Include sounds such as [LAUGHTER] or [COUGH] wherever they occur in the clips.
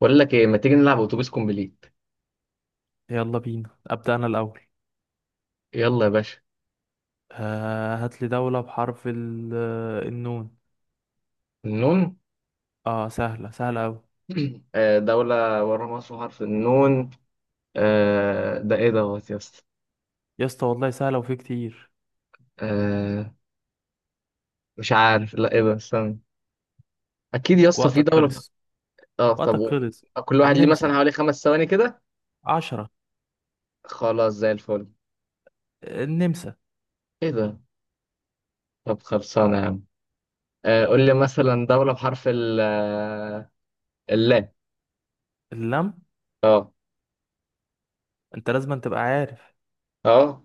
بقول لك ايه، ما تيجي نلعب اتوبيس كومبليت؟ يلا بينا أبدأ أنا الأول. يلا يا باشا. هات لي دولة بحرف النون. النون. اه سهلة سهلة أوي [CLEARS THROAT] دولة ورا مصر حرف النون. ده ايه دوت يا اسطى؟ يا اسطى، والله سهلة وفي كتير. آه، مش عارف، لا ايه ده؟ استنى. اكيد يا اسطى في وقتك دولة. خلص. اه طب وقتك قول. خلص. كل واحد ليه النمسا. مثلا حوالي خمس ثواني كده. 10. خلاص زي الفل. النمسا. ايه ده؟ طب خلصانة يا عم. قول لي مثلا دولة بحرف ال آه، اللام. اللم. اه. انت لازم تبقى عارف. اه.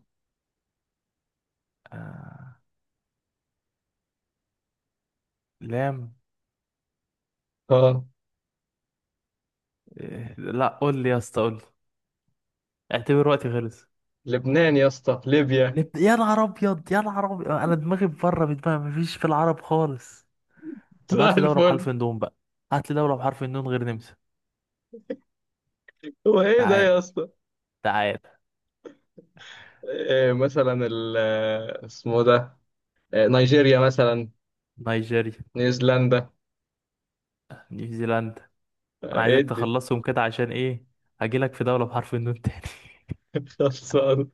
آه لام. اه. إيه. لا قول لي يا اسطى، قول لي. اعتبر وقتي خلص. لبنان يا اسطى، ليبيا. يا نهار ابيض، يا نهار ابيض، انا دماغي بره من دماغي، مفيش في العرب خالص. [LAUGHS] طب زي هات لي دولة الفل. بحرف النون بقى. هات لي دولة بحرف النون غير نمسا. هو ايه ده تعال يا اسطى؟ تعال. إيه مثلا اسمه ده؟ إيه، نيجيريا مثلا، نيجيريا. نيوزيلندا. نيوزيلندا. انا إيه عايزك ادي. تخلصهم كده عشان ايه؟ هجيلك في دولة بحرف النون تاني. [LAUGHS] خلصان.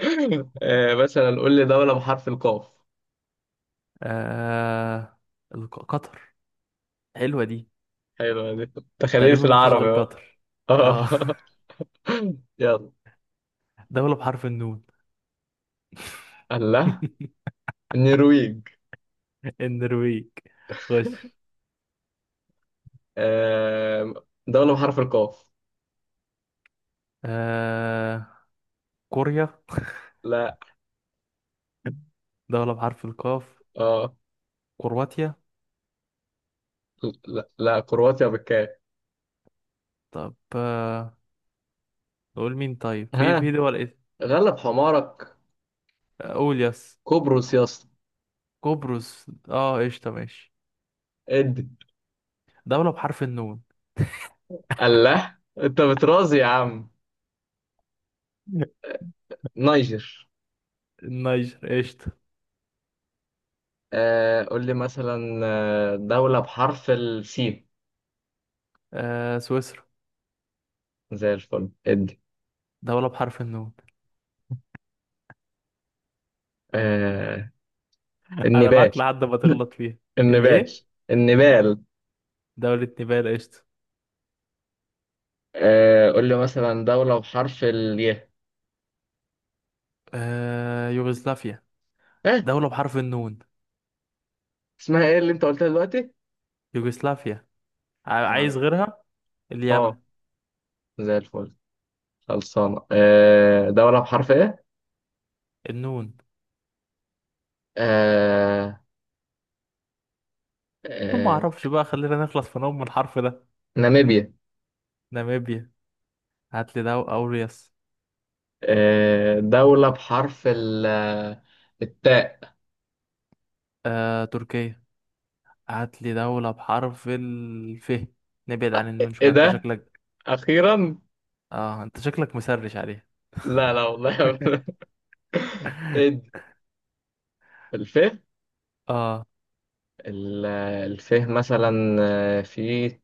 إيه مثلا، قول لي دولة بحرف القاف. [LAUGHS] آه... قطر. حلوة دي. حلوة دي. تخليل في تقريبا مفيش العربي غير اهو. قطر. آه. اه. [LAUGHS] يلا. [LAUGHS] دولة بحرف النون. الله. [LAUGHS] النرويج. النرويج. خش. آه، دولة بحرف القاف. آه... كوريا. لا. دولة بحرف القاف. اه. كرواتيا. لا لا، كرواتيا بالكاف. طب نقول مين طيب، في ها. في دول ايه. غلب حمارك. قول يس. قبرص يا اسطى. قبرص، اه، قشطة ماشي. ادي. دولة بحرف النون. الله، انت بترازي يا عم. [LAUGHS] نيجر. النيجر قشطة. آه قول لي مثلا، دولة بحرف السين. سويسرا. زي الفل ادي. دولة بحرف النون. آه. [LAUGHS] أنا النبال. معاك لحد ما [LAUGHS] تغلط فيها. النبال. الإيه؟ النبال. دولة نيبال قشطة. آه، قول لي مثلا دولة بحرف الياء. يوغوسلافيا. اه. دولة بحرف النون. اسمها ايه اللي انت قلتها دلوقتي؟ يوغوسلافيا. عايز معرفة. غيرها؟ اليمن. اه. زي الفل. خلصانة. آه دولة بحرف ايه؟ النون. آه. كل ما آه. أعرفش بقى، خلينا نخلص في نوم من الحرف ده. ناميبيا. ناميبيا. هات لي دولة أوريوس. آه دولة بحرف التاء. تركيا. هات لي دولة بحرف الف. نبعد عن آه، النون ايه شوية، أنت ده؟ شكلك. أخيرا؟ أنت شكلك مسرش عليها. لا لا والله. [LAUGHS] [LAUGHS] ادي. [LAUGHS] الفيه. آه ال- الفيه مثلا. في،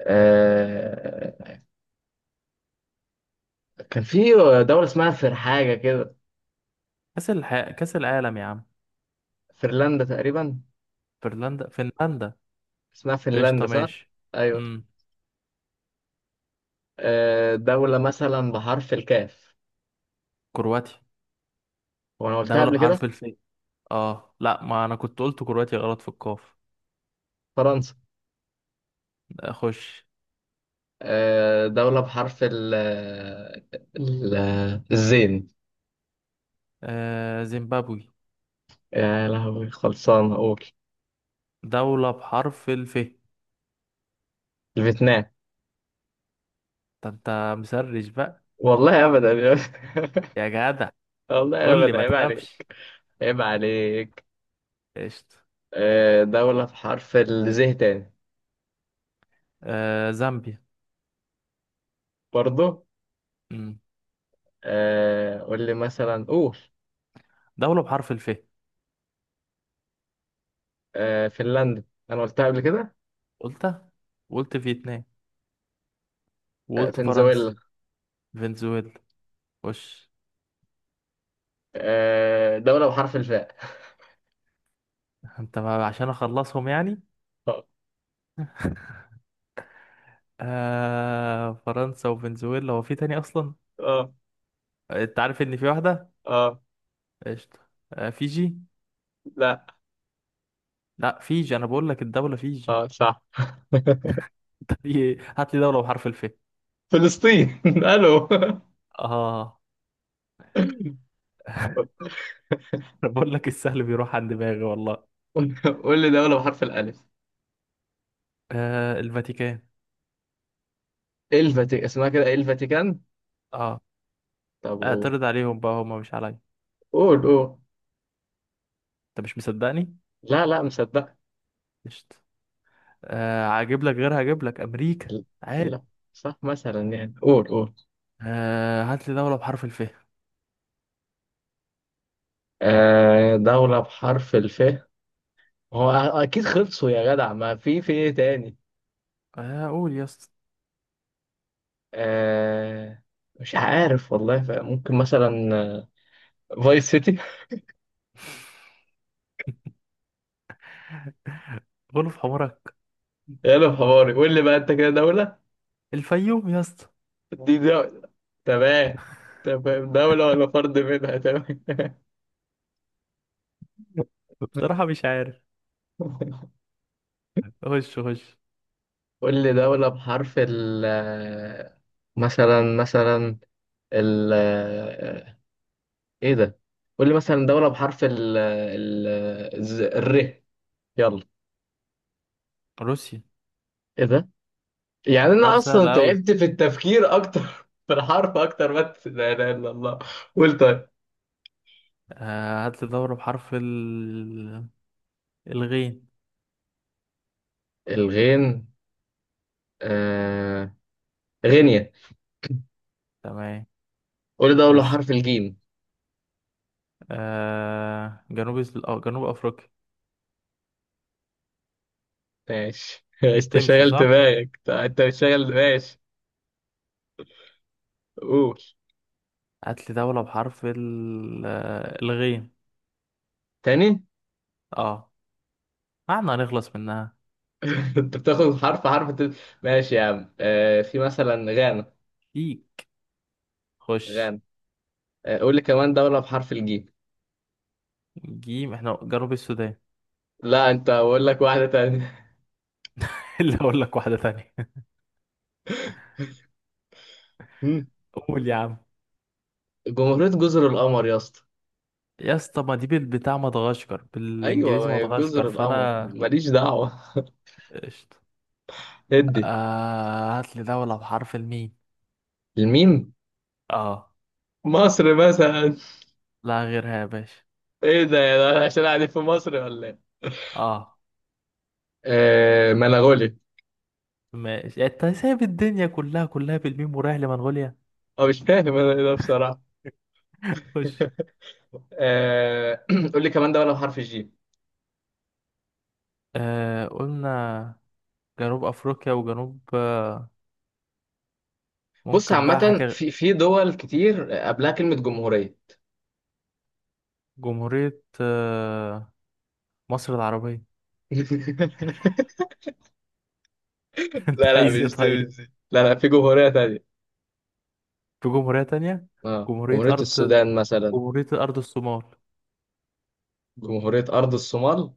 آه، كان في دولة اسمها فر حاجة كده. كأس العالم يا عم. فنلندا تقريبا. فنلندا. فنلندا. اسمها فنلندا قشطة صح؟ ماشي. أيوه. امم دولة مثلا بحرف الكاف. كرواتيا. وأنا قلتها دولة قبل بحرف كده. الف. اه لا، ما انا كنت قلت كرواتيا غلط في القاف. فرنسا. اخش. دولة بحرف ال- الزين. زيمبابوي. يا لهوي، خلصان أقول. دولة بحرف الف. الفيتنام. ده انت مسرش بقى. والله أبدا. يا جدع، [LAUGHS] والله قول لي أبدا، ما عيب عليك. تخافش. عيب عليك. قشطة. دولة بحرف الزه تاني. زامبيا. برضو. امم قول لي مثلا، قول. دولة بحرف الف. فنلندا، أنا قلتها قبل كده. قلتها. وقلت فيتنام. وقلت فرنسا. فنزويلا. فنزويلا. وش. دولة بحرف الفاء. انت، ما عشان اخلصهم يعني. اه. [LAUGHS] فرنسا وفنزويلا، هو في تاني اصلا؟ اه. انت عارف ان في واحده. اه. قشطه. آه، فيجي. لا. لا، فيجي، انا بقول لك الدوله فيجي. اه صح. [LAUGHS] [LAUGHS] طب إيه؟ هات لي دوله بحرف الف. فلسطين. [LAUGHS] الو. اه. [LAUGHS] انا بقول لك السهل بيروح عن دماغي والله. قول لي دولة بحرف الألف. الفاتيكان. الفاتيكان. اسمها كده إيه الفاتيكان؟ اه. طب قول. اعترض عليهم بقى، هما مش عليا. قول قول. انت مش مصدقني. لا لا، مصدق. قشطه. هجيب لك غيرها، هجيب لك امريكا. عاد. لا صح مثلا يعني، قول قول. هات لي دوله بحرف الف. آه دولة بحرف الف. هو اكيد خلصوا يا جدع، ما في ايه تاني. قول يا اسطى. آه مش عارف والله. ف- ممكن مثلا، فايس سيتي. [LAUGHS] غلف حمرك. [LAUGHS] يلا حواري، قول لي بقى انت كده دولة. الفيوم يا اسطى. دي دولة. تمام. تمام، دولة ولا فرد منها، تمام. [LAUGHS] بصراحه مش عارف. [LAUGHS] خش خش. قول لي دولة بحرف ال آه، مثلا مثلا، ال آه، ايه ده؟ قول لي مثلا دولة بحرف ال ال ر. يلا. روسيا. ايه ده؟ يعني انا الحوار سهل اصلا أوي. تعبت في التفكير اكتر [LAUGHS] في الحرف اكتر ما. لا اله الا الله. قول طيب. هات لي دولة بحرف الغين. الغين. آه... غينيا. تمام قول ده اول خش. حرف الجيم. أو جنوب أفريقيا. ماشي. [LAUGHS] انت تمشي شغل صح؟ دماغك، انت مش شغل ماشي. قول هات لي دولة بحرف ال... آه، الغين. تاني. اه. احنا هنخلص منها. [LAUGHS] انت بتاخد حرف حرف انت-. ماشي يا عم، آه... في مثلا غانا. فيك خش. غانا. آه... قول لي كمان دولة بحرف الجيم. جيم، احنا جنوب السودان. لا، انت بقول لك واحدة تانية. [LAUGHS] اللي أقول لك واحدة تانية. [LAUGHS] مم. [LAUGHS] قول يا عم. جمهورية جزر القمر يا اسطى. يا اسطى، ما دي بتاع مدغشقر، ايوه، ما بالإنجليزي هي مدغشقر، جزر القمر، فأنا. ماليش دعوة. قشطة. [LAUGHS] ادي. هات لي دولة بحرف الميم. الميم. اه. مصر مثلا. لا غيرها يا باشا. ايه ده يا ده، عشان قاعدين في مصر ولا ايه؟ اه. آه منغولي. ماشي، يعني انت سايب الدنيا كلها كلها بالميم ورايح لمنغوليا. اه مش فاهم انا ايه ده بصراحه. خش. [LAUGHS] آه [CLEARS THROAT] قول لي كمان دوله بحرف الجيم. قلنا جنوب افريقيا وجنوب. بص ممكن بقى عامه، حاجة. في دول كتير قبلها كلمه جمهوريه. جمهورية مصر العربية. [LAUGHS] لا [LAUGHS] انت عايز لا ايه مش دي، طيب. مش دي، لا لا في جمهورية تانية. في جمهورية تانية. اه جمهورية جمهورية ارض. السودان مثلا. جمهورية ارض الصومال. جمهورية أرض الصومال.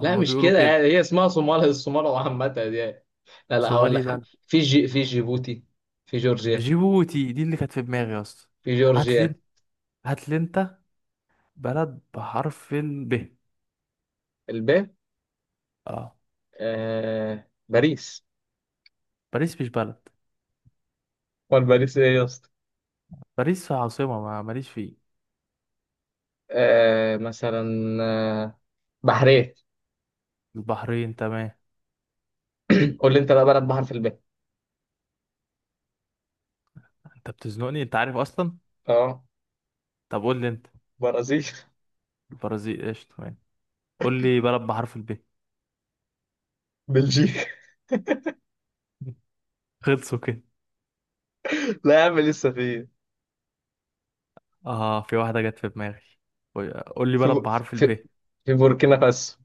لا مش بيقولوا كده، كده. يعني هي اسمها صومال، الصومال، وعامة يعني. لا لا هقول صومالي لك حاجة، لاند. في جي في جيبوتي. في جورجيا. جيبوتي، دي اللي كانت في دماغي يا اسطى. في هات لي انت. جورجيا. هات لي انت بلد بحرف ال ب. الب. اه. آه باريس. باريس مش بلد. امال باريس ايه يا اسطى؟ باريس عاصمة، ما ماليش فيه. آه مثلا، آه بحرين. البحرين تمام. قول لي انت بقى بلد بحر في الب. انت بتزنقني، انت عارف اصلا. اه. طب قول لي انت. برازيل. [LAUGHS] البرازيل ايش تمام. قول لي بلد بحرف الب. بلجيكا. [LAUGHS] خلصوا كده. لا يا عم، لسه في. اه في واحدة جت في دماغي. قول، قول لي في بلد بو- بحرف في, الب. في بوركينا فاسو.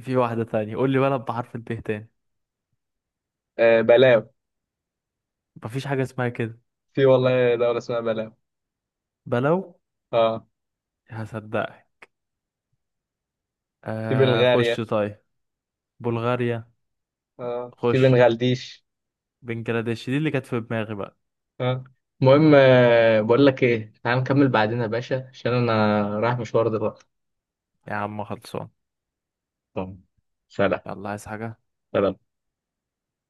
في واحدة تانية، قول لي بلد بحرف الب تاني. آه بلاو. مفيش حاجة اسمها كده. في والله دولة اسمها بلاو. بلو. اه هصدقك. في آه خش بلغاريا. طيب. بلغاريا. اه في خش. بنغلاديش. بنجلاديش دي اللي كانت في دماغي بقى. اه المهم، بقول لك ايه، تعال نكمل بعدين يا باشا عشان انا رايح مشوار دلوقتي. يا عم خلصان. طب سلام. يلا عايز حاجة. سلام.